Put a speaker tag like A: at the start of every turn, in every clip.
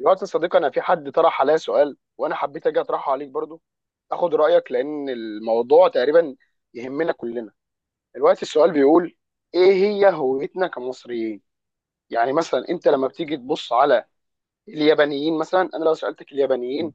A: الوقت يا صديقي، انا في حد طرح عليا سؤال وانا حبيت اجي اطرحه عليك برضو، اخد رايك لان الموضوع تقريبا يهمنا كلنا. الوقت السؤال بيقول: ايه هي هويتنا كمصريين؟ يعني مثلا انت لما بتيجي تبص على اليابانيين مثلا، انا لو سالتك اليابانيين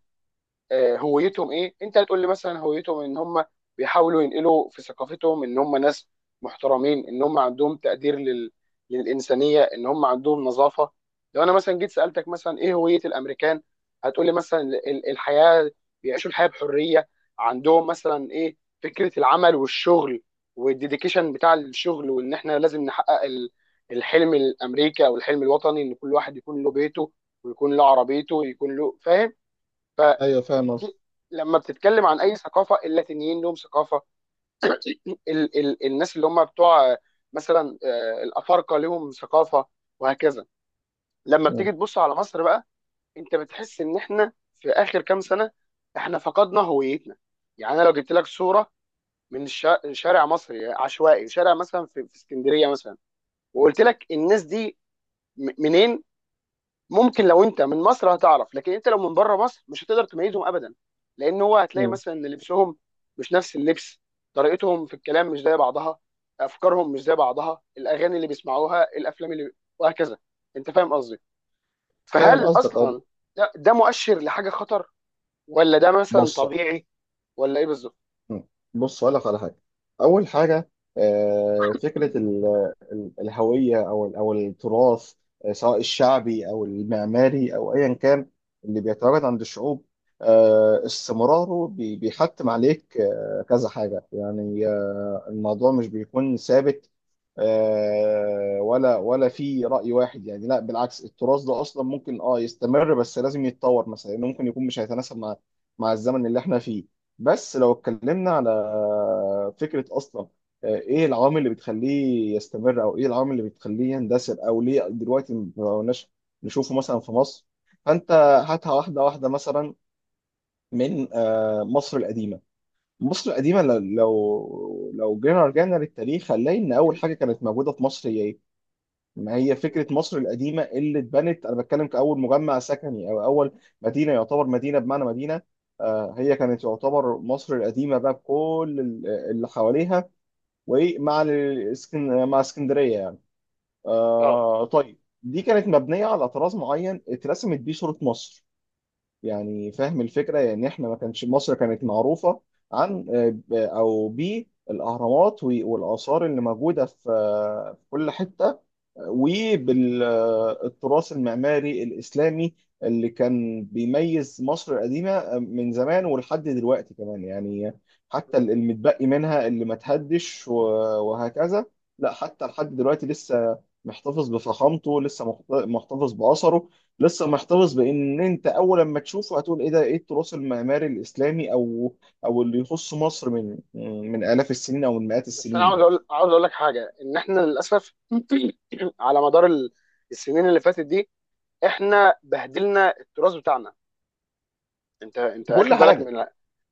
A: هويتهم ايه، انت هتقول لي مثلا هويتهم ان هم بيحاولوا ينقلوا في ثقافتهم ان هم ناس محترمين، ان هم عندهم تقدير لل... للانسانيه، ان هم عندهم نظافه. لو انا مثلا جيت سالتك مثلا ايه هويه الامريكان، هتقول لي مثلا الحياه، بيعيشوا الحياه بحريه، عندهم مثلا ايه فكره العمل والشغل والديديكيشن بتاع الشغل، وان احنا لازم نحقق الحلم الامريكي او الحلم الوطني، ان كل واحد يكون له بيته ويكون له عربيته ويكون له فاهم.
B: ايوه، فاهم قصدك.
A: في لما بتتكلم عن اي ثقافه، اللاتينيين لهم ثقافه، ال الناس اللي هم بتوع مثلا الافارقه لهم ثقافه، وهكذا. لما
B: مم.
A: بتيجي تبص على مصر بقى، انت بتحس ان احنا في اخر كام سنه احنا فقدنا هويتنا. يعني انا لو جبت لك صوره من شارع مصري عشوائي، شارع مثلا في اسكندريه مثلا، وقلت لك الناس دي منين، ممكن لو انت من مصر هتعرف، لكن انت لو من بره مصر مش هتقدر تميزهم ابدا. لان هو هتلاقي
B: مم.
A: مثلا ان لبسهم مش نفس اللبس، طريقتهم في الكلام مش زي بعضها، افكارهم مش زي بعضها، الاغاني اللي بيسمعوها، الافلام اللي وهكذا. انت فاهم قصدي؟
B: فاهم
A: فهل
B: قصدك، اه.
A: اصلا ده مؤشر لحاجه خطر، ولا ده مثلا
B: بص.
A: طبيعي، ولا ايه بالظبط؟
B: مم. بص، أقول لك على حاجة. أول حاجة، فكرة الهوية أو أو التراث، سواء الشعبي أو المعماري أو أيا كان، اللي بيتواجد عند الشعوب. استمراره بيحتم عليك كذا حاجة، يعني الموضوع مش بيكون ثابت ولا في رأي واحد، يعني لا، بالعكس، التراث ده أصلا ممكن يستمر، بس لازم يتطور مثلا، لأنه ممكن يكون مش هيتناسب مع الزمن اللي احنا فيه. بس لو اتكلمنا على فكرة أصلا، إيه العوامل اللي بتخليه يستمر أو إيه العوامل اللي بتخليه يندثر، أو ليه دلوقتي ما بقناش نشوفه مثلا في مصر؟ فأنت، هاتها واحدة واحدة مثلا، من مصر القديمة. مصر القديمة، لو جينا رجعنا للتاريخ، هنلاقي إن أول حاجة كانت موجودة في مصر، ما هي فكرة مصر القديمة اللي اتبنت. أنا بتكلم كأول مجمع سكني، أو أول مدينة، يعتبر مدينة بمعنى مدينة. هي كانت يعتبر مصر القديمة بقى، بكل اللي حواليها، ومع مع اسكندرية يعني.
A: اه،
B: طيب، دي كانت مبنية على طراز معين، اترسمت بيه صورة مصر، يعني فاهم الفكرة؟ يعني إحنا ما كانش مصر كانت معروفة عن أو بالأهرامات والآثار اللي موجودة في كل حتة، وبالتراث المعماري الإسلامي اللي كان بيميز مصر القديمة من زمان ولحد دلوقتي كمان، يعني حتى المتبقي منها اللي ما تهدش وهكذا. لا، حتى لحد دلوقتي لسه محتفظ بفخامته، لسه محتفظ بأثره، لسه محتفظ بإن أنت أول لما تشوفه هتقول إيه ده، إيه التراث المعماري الإسلامي أو اللي يخص مصر من آلاف السنين، أو من مئات
A: بس انا
B: السنين
A: عاوز
B: ده،
A: اقول، عاوز اقول لك حاجه: ان احنا للاسف على مدار السنين اللي فاتت دي احنا بهدلنا التراث بتاعنا. انت
B: في كل
A: اخد بالك
B: حاجة.
A: من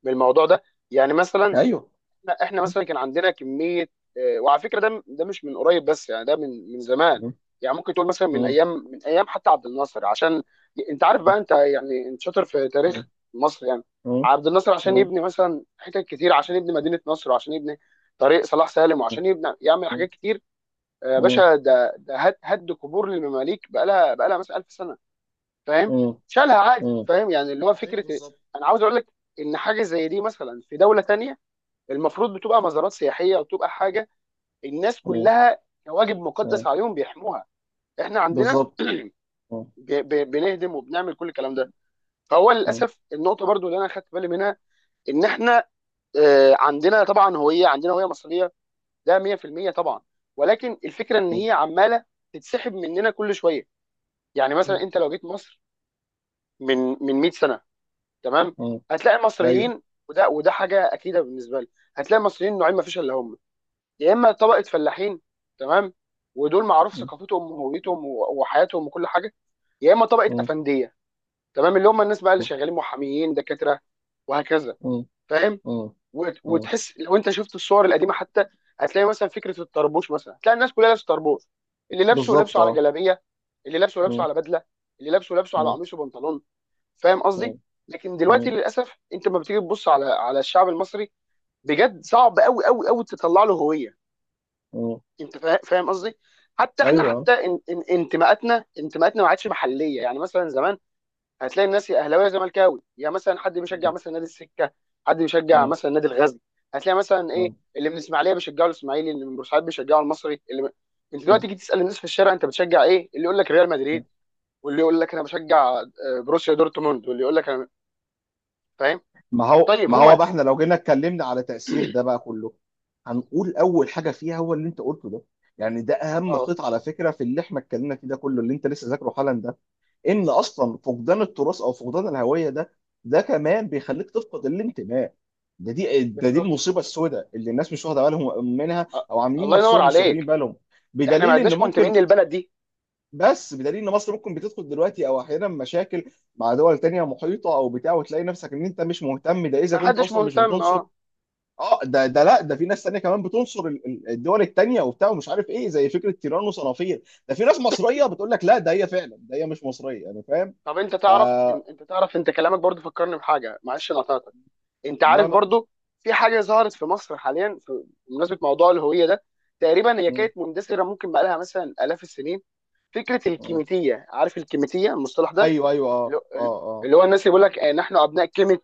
A: من الموضوع ده؟ يعني مثلا
B: أيوه.
A: احنا مثلا كان عندنا كميه، وعلى فكره ده مش من قريب بس، يعني ده من من زمان، يعني ممكن تقول مثلا من ايام، من ايام حتى عبد الناصر، عشان انت عارف
B: ايوه،
A: بقى، انت يعني انت شاطر في تاريخ مصر يعني. عبد الناصر عشان يبني مثلا حتت كتير، عشان يبني مدينه نصر وعشان يبني طريق صلاح سالم وعشان يبني يعمل حاجات كتير، يا باشا ده ده هد قبور للمماليك بقى لها، بقى لها مثلا 1000 سنه، فاهم؟ شالها عادي، فاهم؟ يعني اللي هو فكره إيه؟
B: بالظبط.
A: انا عاوز اقول لك ان حاجه زي دي مثلا في دوله تانية المفروض بتبقى مزارات سياحيه، وتبقى حاجه الناس
B: بالظبط.
A: كلها كواجب
B: ايوه.
A: مقدس عليهم بيحموها. احنا عندنا
B: بالظبط. اه.
A: بنهدم وبنعمل كل الكلام ده. فهو للاسف النقطه برضو اللي انا خدت بالي منها ان احنا عندنا طبعا هويه، عندنا هويه مصريه، ده 100% طبعا، ولكن الفكره ان هي عماله تتسحب مننا كل شويه. يعني مثلا انت لو جيت مصر من من 100 سنه، تمام، هتلاقي
B: ايوه.
A: المصريين، وده وده حاجه اكيده بالنسبه لي، هتلاقي المصريين نوعين ما فيش الا هم: يا اما طبقه فلاحين، تمام، ودول معروف ثقافتهم وهويتهم وحياتهم وكل حاجه، يا اما طبقه افنديه، تمام، اللي هم الناس بقى اللي شغالين محاميين دكاتره وهكذا، فاهم؟ وتحس لو انت شفت الصور القديمه حتى، هتلاقي مثلا فكره الطربوش مثلا، هتلاقي الناس كلها لابسه طربوش، اللي لابسه لابسه على جلابيه، اللي لابسه لابسه على بدله، اللي لابسه لابسه على قميص وبنطلون، فاهم قصدي؟ لكن دلوقتي للاسف انت لما بتيجي تبص على الشعب المصري، بجد صعب قوي قوي قوي تطلع له هويه، انت فاهم قصدي؟ حتى احنا، حتى ان انتماءاتنا، انتماءاتنا ما عادش محليه. يعني مثلا زمان هتلاقي الناس يا اهلاويه يا زملكاوي، يا مثلا حد بيشجع مثلا نادي السكه، حد بيشجع مثلا نادي الغزل، هتلاقي مثلا ايه، اللي من الاسماعيليه بيشجعوا الاسماعيلي، اللي من بورسعيد بيشجعوا المصري، اللي من... انت دلوقتي تيجي تسال الناس في الشارع انت بتشجع ايه، اللي يقول لك ريال مدريد، واللي يقول لك انا بشجع بروسيا دورتموند، واللي يقول لك انا، فاهم؟
B: ما هو
A: طيب
B: ما هو
A: هو
B: بقى احنا لو جينا اتكلمنا على تأثير ده بقى كله، هنقول أول حاجة فيها هو اللي أنت قلته ده، يعني ده أهم
A: اه،
B: خيط على فكرة في اللي احنا اتكلمنا فيه ده كله، اللي أنت لسه ذاكره حالا ده، إن أصلا فقدان التراث أو فقدان الهوية ده، ده كمان بيخليك تفقد الانتماء. ده دي
A: بالظبط.
B: المصيبة السوداء، اللي الناس مش واخدة بالهم منها،
A: أ-
B: أو عاملين
A: الله ينور
B: نفسهم مش واخدين
A: عليك.
B: بالهم،
A: احنا ما
B: بدليل إن
A: عدناش
B: ممكن.
A: منتمين للبلد دي.
B: بس بدليل ان مصر ممكن بتدخل دلوقتي، او احيانا مشاكل مع دول تانية محيطه او بتاع، وتلاقي نفسك ان انت مش مهتم، ده اذا
A: ما
B: كنت
A: حدش
B: اصلا مش
A: مهتم،
B: بتنصر.
A: اه.
B: اه، ده لا، ده في ناس تانية كمان بتنصر الدول التانية وبتاع، ومش عارف ايه، زي فكره تيران وصنافير، ده في ناس مصريه بتقول لك لا، ده هي فعلا، ده هي مش مصريه يعني، فاهم؟
A: طب انت
B: ف
A: تعرف انت تعرف، انت كلامك برضو فكرني بحاجه، معلش انا قطعتك، انت
B: لا،
A: عارف
B: لا.
A: برضو في حاجه ظهرت في مصر حاليا بمناسبه موضوع الهويه ده، تقريبا هي
B: مم.
A: كانت مندثره ممكن بقى لها مثلا الاف السنين: فكره
B: آه.
A: الكيميتيه، عارف الكيميتيه المصطلح ده؟
B: ايوه، ايوه،
A: اللي
B: اه،
A: هو،
B: اه،
A: الناس اللي بيقول لك نحن ابناء كلمه،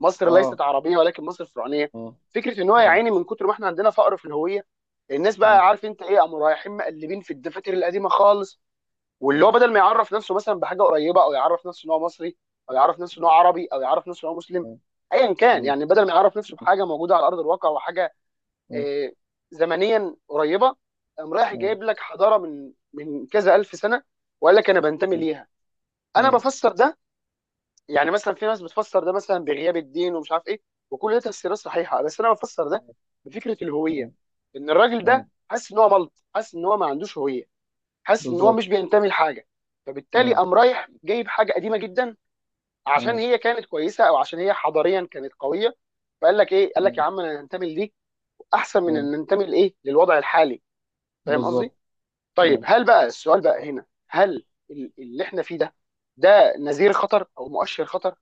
A: مصر ليست
B: اه،
A: عربيه ولكن مصر فرعونيه.
B: اه،
A: فكره ان هو يا
B: اه،
A: عيني من كتر ما احنا عندنا فقر في الهويه، الناس
B: اه،
A: بقى، عارف انت ايه، قاموا رايحين مقلبين في الدفاتر القديمه خالص،
B: اه،
A: واللي
B: اه،
A: هو بدل ما يعرف نفسه مثلا بحاجه قريبه، او يعرف نفسه ان هو مصري، او يعرف نفسه ان هو عربي، او يعرف نفسه ان هو مسلم،
B: اه،
A: ايا كان
B: اه،
A: يعني، بدل ما يعرف نفسه بحاجه موجوده على ارض الواقع وحاجه
B: اه،
A: آه، زمنيا قريبه، قام رايح
B: اه،
A: جايب لك حضاره من من كذا الف سنه وقال لك انا بنتمي ليها. انا
B: اه،
A: بفسر ده، يعني مثلا في ناس بتفسر ده مثلا بغياب الدين ومش عارف ايه، وكل ده تفسيرات صحيحه، بس انا بفسر ده بفكره الهويه:
B: اه،
A: ان الراجل
B: اه.
A: ده حاسس ان هو ملط، حاسس ان هو ما عندوش هويه، حاسس ان هو
B: بالظبط.
A: مش بينتمي لحاجه، فبالتالي قام رايح جايب حاجه قديمه جدا عشان هي كانت كويسه، او عشان هي حضاريا كانت قويه، فقال لك ايه، قال لك يا
B: مم.
A: عم انا انتمي لدي احسن من
B: مم.
A: ان انتمي لايه، للوضع الحالي، فاهم قصدي؟
B: بالظبط.
A: طيب
B: مم.
A: هل بقى، السؤال بقى هنا، هل اللي احنا فيه ده، ده نذير خطر او مؤشر خطر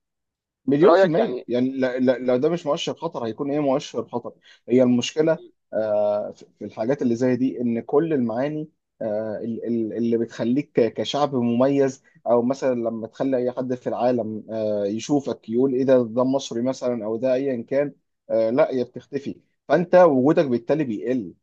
A: في
B: مليون في
A: رايك
B: المية
A: يعني؟
B: يعني. لا، لا، لو ده مش مؤشر خطر، هيكون ايه مؤشر خطر؟ هي المشكلة في الحاجات اللي زي دي، ان كل المعاني اللي بتخليك كشعب مميز، او مثلا لما تخلي اي حد في العالم يشوفك يقول ايه ده، ده مصري مثلا او ده ايا كان، لا، هي بتختفي، فانت وجودك بالتالي بيقل،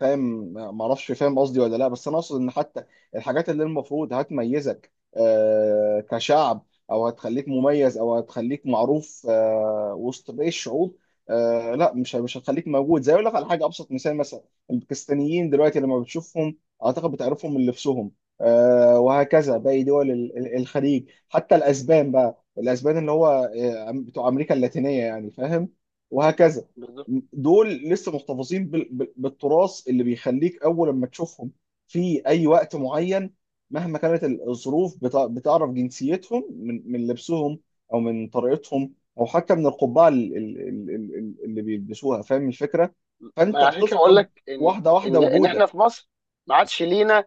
B: فاهم؟ ما اعرفش، فاهم قصدي ولا لا؟ بس انا اقصد ان حتى الحاجات اللي المفروض هتميزك كشعب، او هتخليك مميز، او هتخليك معروف وسط باقي الشعوب، لا، مش هتخليك موجود. زي، اقول لك على حاجه، ابسط مثال مثلا الباكستانيين، دلوقتي لما بتشوفهم اعتقد بتعرفهم من لبسهم، وهكذا
A: مم.
B: باقي دول الخليج، حتى الاسبان بقى، الاسبان اللي هو بتوع امريكا اللاتينيه، يعني فاهم؟ وهكذا.
A: بالظبط.
B: دول لسه محتفظين بالتراث، اللي بيخليك اول لما تشوفهم في اي وقت معين، مهما كانت الظروف، بتعرف جنسيتهم من لبسهم، او من طريقتهم، او حتى من القبعه اللي بيلبسوها، فاهم الفكره؟ فانت
A: ما عشان كده بقول
B: بتفقد
A: لك ان
B: واحده واحده
A: ان احنا
B: وجودك.
A: في مصر ما عادش لينا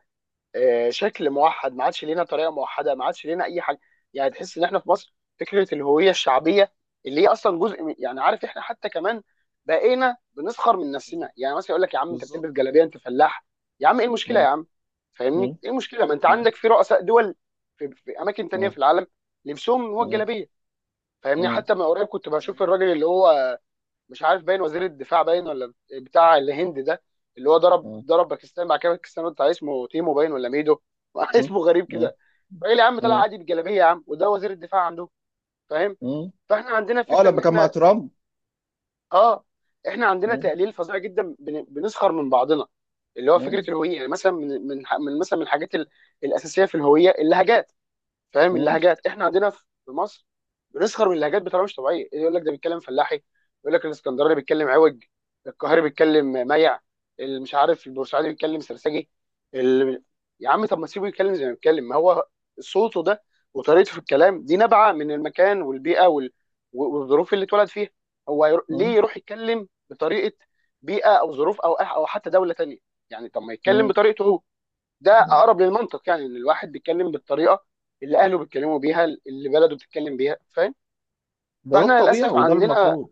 A: شكل موحد، ما عادش لينا طريقه موحده، ما عادش لينا اي حاجه. يعني تحس ان احنا في مصر فكره الهويه الشعبيه اللي هي اصلا جزء من، يعني عارف، احنا حتى كمان بقينا بنسخر من نفسنا. يعني مثلا يقول لك يا عم انت
B: بالظبط.
A: بتلبس جلابيه، انت فلاح. يا عم ايه المشكله يا
B: اه،
A: عم،
B: اه،
A: فاهمني؟ ايه المشكله، ما انت
B: اه،
A: عندك في رؤساء دول في, في اماكن تانية في
B: اه،
A: العالم لبسهم هو
B: اه،
A: الجلابيه. فاهمني؟
B: اه،
A: حتى من قريب كنت بشوف
B: ايوه،
A: الراجل اللي هو مش عارف باين وزير الدفاع باين ولا بتاع الهند ده، اللي هو ضرب
B: اه،
A: باكستان مع كامل باكستان بتاع، اسمه تيمو باين ولا ميدو
B: اه،
A: اسمه غريب
B: اه،
A: كده، راجل يا عم طلع
B: اه،
A: عادي بجلابيه يا عم، وده وزير الدفاع عنده، فاهم؟
B: اه.
A: فاحنا عندنا فكره ان
B: لما كان مع
A: احنا
B: ترامب.
A: اه، احنا عندنا
B: اه،
A: تقليل فظيع جدا، بنسخر من بعضنا. اللي هو
B: اه،
A: فكره الهويه، يعني مثلا من من من مثلا من الحاجات الاساسيه في الهويه: اللهجات. فاهم؟
B: اه.
A: اللهجات احنا عندنا في مصر بنسخر من اللهجات بطريقه مش طبيعيه. إيه، يقول لك ده بيتكلم فلاحي، يقول لك الاسكندراني بيتكلم عوج، القاهري بيتكلم ميع، اللي مش عارف البورسعيدي بيتكلم سرسجي، اللي... يا عم طب ما تسيبه يتكلم زي ما بيتكلم، ما هو صوته ده وطريقته في الكلام دي نابعه من المكان والبيئه وال... والظروف اللي اتولد فيها. هو يرو... ليه
B: مم.
A: يروح يتكلم بطريقه بيئه او ظروف او او حتى دوله تانيه؟ يعني طب ما يتكلم
B: مم.
A: بطريقته هو، ده اقرب للمنطق. يعني ان الواحد بيتكلم بالطريقه اللي اهله بيتكلموا بيها، اللي بلده بتتكلم بيها، فاهم؟
B: ده
A: فاحنا
B: الطبيعي،
A: للاسف
B: وده
A: عندنا
B: المفروض.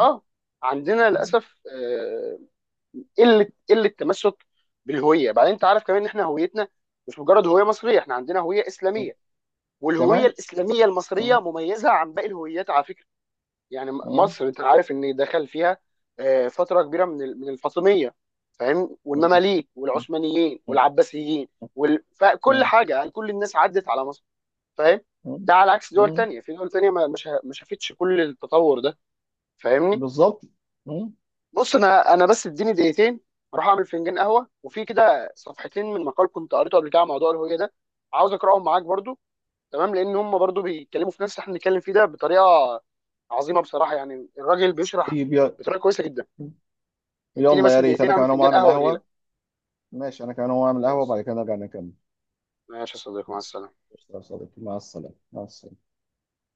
A: اه، عندنا
B: مم.
A: للاسف قله، قله تمسك بالهويه. بعدين انت عارف كمان ان احنا هويتنا مش مجرد هويه مصريه، احنا عندنا هويه
B: مم.
A: اسلاميه، والهويه
B: تمام.
A: الاسلاميه المصريه
B: مم.
A: مميزه عن باقي الهويات على فكره. يعني
B: مم.
A: مصر انت عارف ان دخل فيها فتره كبيره من من الفاطميه، فاهم؟
B: مم.
A: والمماليك والعثمانيين والعباسيين وال... فكل
B: مم.
A: حاجه، يعني كل الناس عدت على مصر، فاهم؟
B: مم.
A: ده على عكس دول
B: مم.
A: تانية، في دول تانية ما ما شافتش كل التطور ده، فاهمني؟
B: بالظبط. مم.
A: بص انا، انا بس اديني دقيقتين اروح اعمل فنجان قهوه، وفي كده صفحتين من مقال كنت قريته قبل كده على موضوع الهويه ده عاوز اقراهم معاك برضو، تمام؟ لان هم برضو بيتكلموا في نفس اللي احنا بنتكلم فيه ده بطريقه عظيمه بصراحه، يعني الراجل بيشرح
B: طيب،
A: بطريقه كويسه جدا. اديني
B: يلا،
A: بس
B: يا ريت
A: دقيقتين
B: انا
A: اعمل
B: كمان اقوم
A: فنجان
B: اعمل
A: قهوه واجي لك.
B: قهوة. ماشي، انا كمان اقوم اعمل قهوة،
A: خلاص،
B: وبعد كده نرجع نكمل.
A: ماشي يا صديقي، مع
B: ماشي.
A: السلامه.
B: قشطة يا صديقي، مع السلامة، مع السلامة.